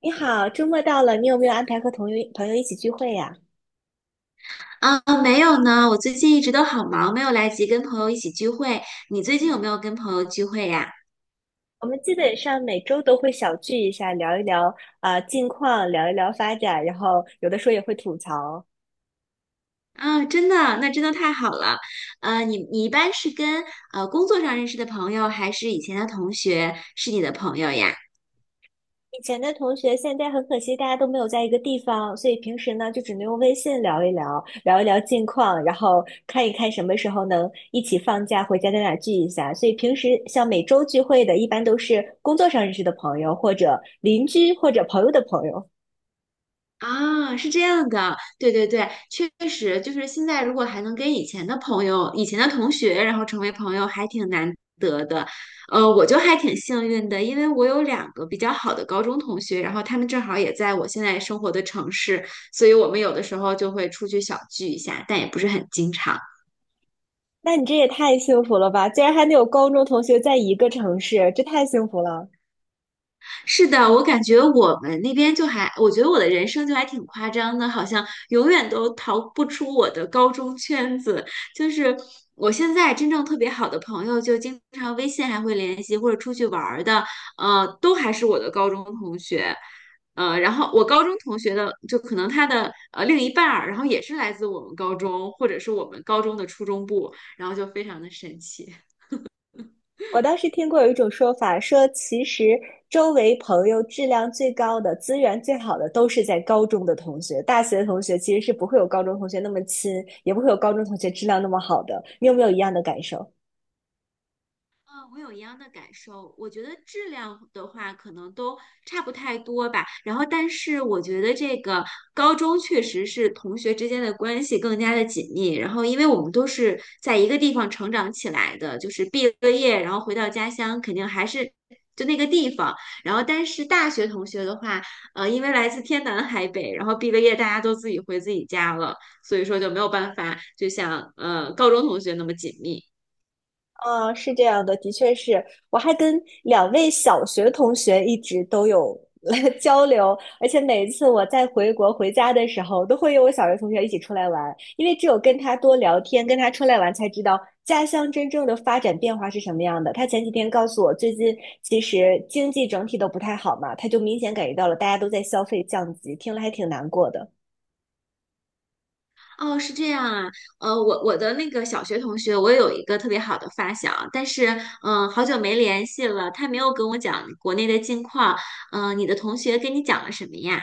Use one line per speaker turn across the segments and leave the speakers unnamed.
你好，周末到了，你有没有安排和朋友一起聚会呀？
啊，没有呢，我最近一直都好忙，没有来及跟朋友一起聚会。你最近有没有跟朋友聚会呀？
我们基本上每周都会小聚一下，聊一聊啊近况，聊一聊发展，然后有的时候也会吐槽。
啊，真的，那真的太好了。你一般是跟工作上认识的朋友，还是以前的同学是你的朋友呀？
以前的同学，现在很可惜大家都没有在一个地方，所以平时呢就只能用微信聊一聊，聊一聊近况，然后看一看什么时候能一起放假回家在哪聚一下。所以平时像每周聚会的，一般都是工作上认识的朋友，或者邻居，或者朋友的朋友。
啊，是这样的，对对对，确实就是现在，如果还能跟以前的朋友、以前的同学，然后成为朋友，还挺难得的。我就还挺幸运的，因为我有两个比较好的高中同学，然后他们正好也在我现在生活的城市，所以我们有的时候就会出去小聚一下，但也不是很经常。
那你这也太幸福了吧！竟然还能有高中同学在一个城市，这太幸福了。
是的，我感觉我们那边就还，我觉得我的人生就还挺夸张的，好像永远都逃不出我的高中圈子。就是我现在真正特别好的朋友，就经常微信还会联系，或者出去玩儿的，都还是我的高中同学。然后我高中同学的，就可能他的另一半儿，然后也是来自我们高中，或者是我们高中的初中部，然后就非常的神奇。
我当时听过有一种说法，说其实周围朋友质量最高的、资源最好的都是在高中的同学，大学的同学其实是不会有高中同学那么亲，也不会有高中同学质量那么好的。你有没有一样的感受？
啊，我有一样的感受。我觉得质量的话，可能都差不太多吧。然后，但是我觉得这个高中确实是同学之间的关系更加的紧密。然后，因为我们都是在一个地方成长起来的，就是毕了业，然后回到家乡，肯定还是就那个地方。然后，但是大学同学的话，因为来自天南海北，然后毕了业，大家都自己回自己家了，所以说就没有办法，就像高中同学那么紧密。
嗯，是这样的，的确是，我还跟两位小学同学一直都有 交流，而且每一次我在回国回家的时候，都会有我小学同学一起出来玩，因为只有跟他多聊天，跟他出来玩，才知道家乡真正的发展变化是什么样的。他前几天告诉我，最近其实经济整体都不太好嘛，他就明显感觉到了大家都在消费降级，听了还挺难过的。
哦，是这样啊，我的那个小学同学，我有一个特别好的发小，但是，好久没联系了，他没有跟我讲国内的近况，你的同学跟你讲了什么呀？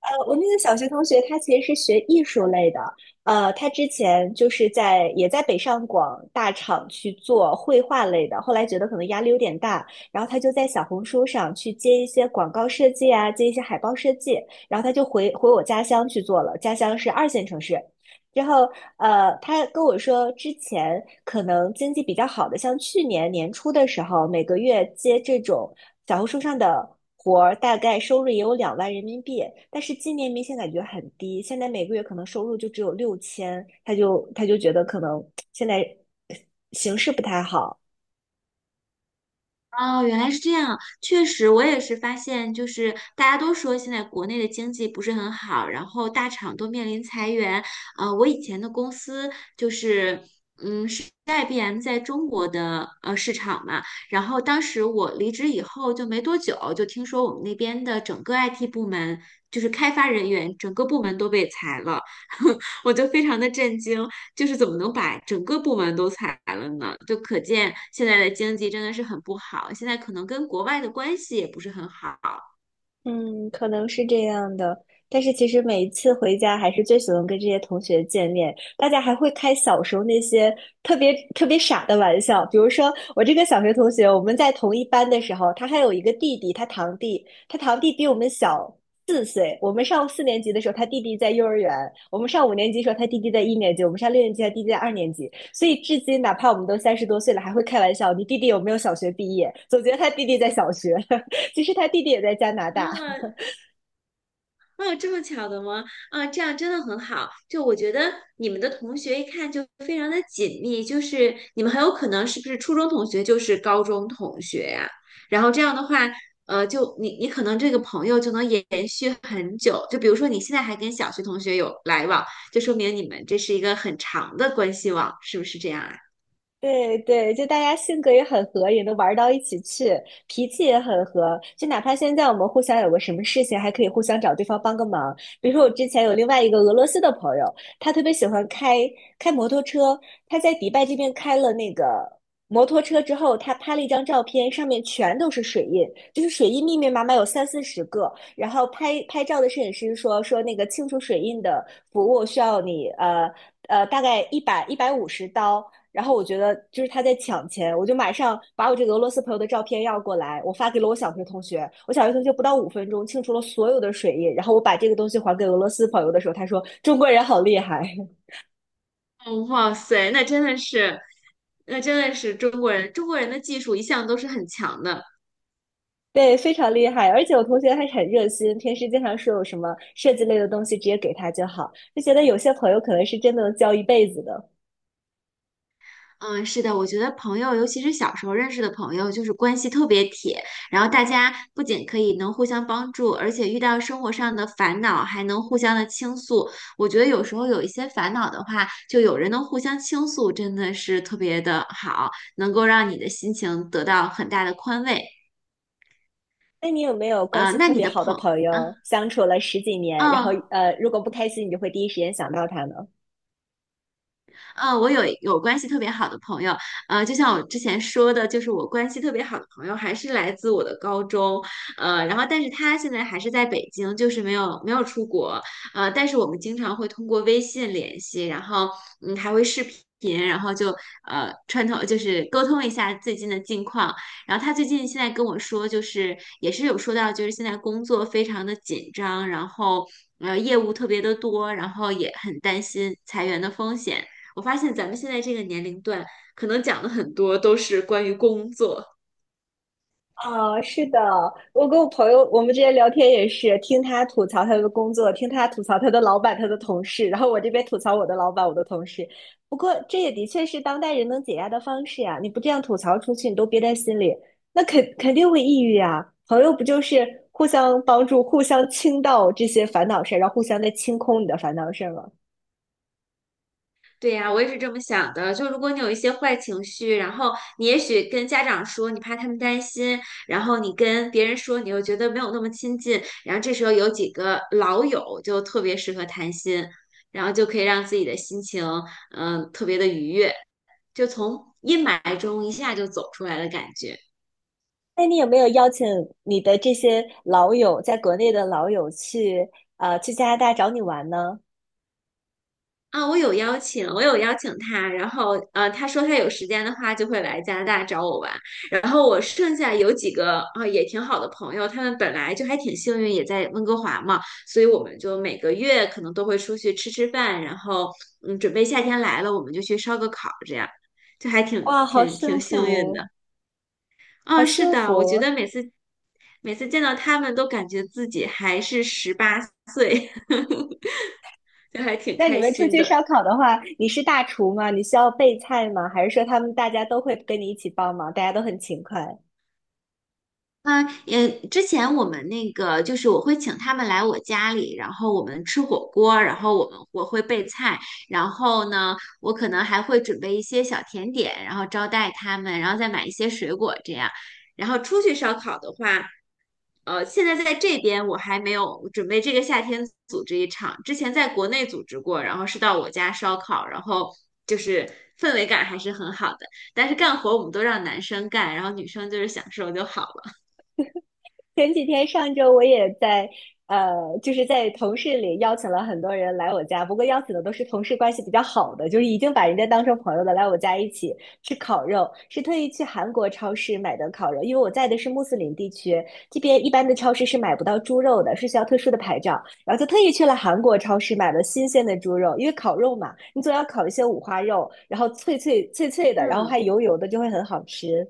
我那个小学同学，他其实是学艺术类的。他之前就是在也在北上广大厂去做绘画类的，后来觉得可能压力有点大，然后他就在小红书上去接一些广告设计啊，接一些海报设计，然后他就回我家乡去做了。家乡是二线城市，然后，他跟我说，之前可能经济比较好的，像去年年初的时候，每个月接这种小红书上的活儿，大概收入也有2万人民币。但是今年明显感觉很低，现在每个月可能收入就只有6000，他就觉得可能现在形势不太好。
哦，原来是这样。确实，我也是发现，就是大家都说现在国内的经济不是很好，然后大厂都面临裁员。我以前的公司就是，是 IBM 在中国的市场嘛。然后当时我离职以后就没多久，就听说我们那边的整个 IT 部门，就是开发人员整个部门都被裁了，我就非常的震惊。就是怎么能把整个部门都裁了呢？就可见现在的经济真的是很不好，现在可能跟国外的关系也不是很好。
嗯，可能是这样的，但是其实每一次回家，还是最喜欢跟这些同学见面。大家还会开小时候那些特别特别傻的玩笑，比如说我这个小学同学，我们在同一班的时候，他还有一个弟弟，他堂弟，他堂弟比我们小4岁。我们上4年级的时候，他弟弟在幼儿园；我们上5年级的时候，他弟弟在1年级；我们上6年级，他弟弟在2年级。所以至今，哪怕我们都30多岁了，还会开玩笑：“你弟弟有没有小学毕业？”总觉得他弟弟在小学，其实他弟弟也在加拿大。
啊哦，这么巧的吗？啊，这样真的很好。就我觉得你们的同学一看就非常的紧密，就是你们很有可能是不是初中同学就是高中同学呀、然后这样的话，就你可能这个朋友就能延续很久。就比如说你现在还跟小学同学有来往，就说明你们这是一个很长的关系网，是不是这样啊？
对对，就大家性格也很合，也能玩到一起去，脾气也很合。就哪怕现在我们互相有个什么事情，还可以互相找对方帮个忙。比如说，我之前有另外一个俄罗斯的朋友，他特别喜欢开摩托车，他在迪拜这边开了那个摩托车之后，他拍了一张照片，上面全都是水印，就是水印密密麻麻有三四十个。然后拍照的摄影师说那个清除水印的服务需要你大概150刀。然后我觉得就是他在抢钱，我就马上把我这个俄罗斯朋友的照片要过来，我发给了我小学同学。我小学同学不到5分钟清除了所有的水印，然后我把这个东西还给俄罗斯朋友的时候，他说中国人好厉害，
哦，哇塞，那真的是中国人，中国人的技术一向都是很强的。
对，非常厉害。而且我同学还很热心，平时经常说有什么设计类的东西直接给他就好，就觉得有些朋友可能是真的能交一辈子的。
嗯，是的，我觉得朋友，尤其是小时候认识的朋友，就是关系特别铁，然后大家不仅可以能互相帮助，而且遇到生活上的烦恼还能互相的倾诉。我觉得有时候有一些烦恼的话，就有人能互相倾诉，真的是特别的好，能够让你的心情得到很大的宽慰。
那你有没有关
呃，
系
那
特
你
别
的
好的
朋，
朋
啊，
友，相处了十几年，然后
哦。
如果不开心，你就会第一时间想到他呢？
我有关系特别好的朋友，就像我之前说的，就是我关系特别好的朋友还是来自我的高中，然后但是他现在还是在北京，就是没有出国，但是我们经常会通过微信联系，然后还会视频，然后就呃串通就是沟通一下最近的近况，然后他最近现在跟我说，就是也是有说到，就是现在工作非常的紧张，然后。业务特别的多，然后也很担心裁员的风险，我发现咱们现在这个年龄段，可能讲的很多都是关于工作。
啊，是的，我跟我朋友，我们之前聊天也是听他吐槽他的工作，听他吐槽他的老板、他的同事，然后我这边吐槽我的老板、我的同事。不过这也的确是当代人能解压的方式呀、你不这样吐槽出去，你都憋在心里，那肯定会抑郁呀、朋友不就是互相帮助、互相倾倒这些烦恼事儿，然后互相在清空你的烦恼事儿吗？
对呀，我也是这么想的。就如果你有一些坏情绪，然后你也许跟家长说，你怕他们担心，然后你跟别人说，你又觉得没有那么亲近，然后这时候有几个老友就特别适合谈心，然后就可以让自己的心情，特别的愉悦，就从阴霾中一下就走出来的感觉。
那你有没有邀请你的这些老友，在国内的老友去加拿大找你玩呢？
啊，我有邀请他，然后他说他有时间的话就会来加拿大找我玩。然后我剩下有几个也挺好的朋友，他们本来就还挺幸运，也在温哥华嘛，所以我们就每个月可能都会出去吃吃饭，然后准备夏天来了，我们就去烧个烤，这样就还挺
哇，好
挺
幸
挺幸运
福，
的。
好
啊，是
幸
的，我
福！
觉得每次见到他们都感觉自己还是18岁，就还挺
那你
开
们出
心
去烧
的。
烤的话，你是大厨吗？你需要备菜吗？还是说他们大家都会跟你一起帮忙，大家都很勤快？
嗯，也之前我们那个就是我会请他们来我家里，然后我们吃火锅，然后我们我会备菜，然后呢，我可能还会准备一些小甜点，然后招待他们，然后再买一些水果这样。然后出去烧烤的话，现在在这边我还没有准备这个夏天组织一场，之前在国内组织过，然后是到我家烧烤，然后就是氛围感还是很好的，但是干活我们都让男生干，然后女生就是享受就好了。
前几天上周我也在就是在同事里邀请了很多人来我家，不过邀请的都是同事关系比较好的，就是已经把人家当成朋友的来我家一起吃烤肉，是特意去韩国超市买的烤肉，因为我在的是穆斯林地区，这边一般的超市是买不到猪肉的，是需要特殊的牌照，然后就特意去了韩国超市买了新鲜的猪肉，因为烤肉嘛，你总要烤一些五花肉，然后脆脆脆脆的，然后还
嗯，
油油的，就会很好吃。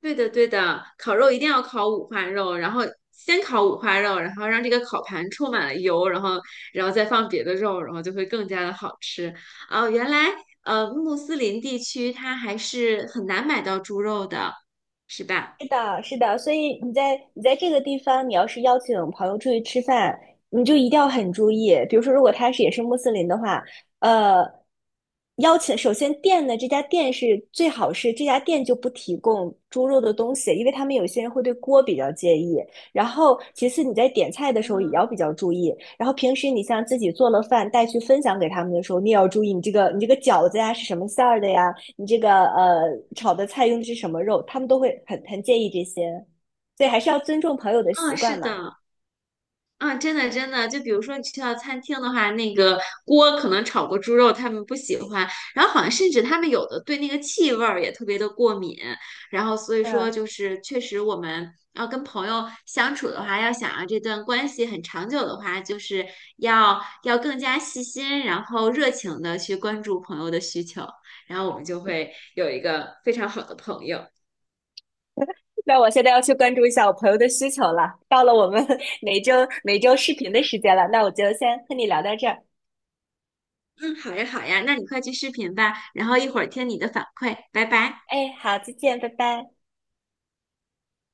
对的对的，烤肉一定要烤五花肉，然后先烤五花肉，然后让这个烤盘充满了油，然后再放别的肉，然后就会更加的好吃。哦，原来穆斯林地区它还是很难买到猪肉的，是吧？
是的，是的，所以你在这个地方，你要是邀请朋友出去吃饭，你就一定要很注意。比如说，如果他也是穆斯林的话，呃，邀请首先店呢，这家店是最好是这家店就不提供猪肉的东西，因为他们有些人会对锅比较介意。然后，其次你在点菜的时候也要
嗯
比较注意。然后平时你像自己做了饭带去分享给他们的时候，你也要注意你这个饺子呀是什么馅儿的呀，你这个炒的菜用的是什么肉，他们都会很介意这些，所以还是要尊重朋友的习
嗯，
惯
是
嘛。
的。啊，真的真的，就比如说你去到餐厅的话，那个锅可能炒过猪肉，他们不喜欢，然后好像甚至他们有的对那个气味儿也特别的过敏，然后所以说
嗯，
就是确实我们要跟朋友相处的话，要想让这段关系很长久的话，就是要更加细心，然后热情的去关注朋友的需求，然后我们就会有一个非常好的朋友。
那我现在要去关注一下我朋友的需求了。到了我们每周每周视频的时间了，那我就先和你聊到这儿。
嗯，好呀好呀，那你快去视频吧，然后一会儿听你的反馈，拜拜。
哎，好，再见，拜拜。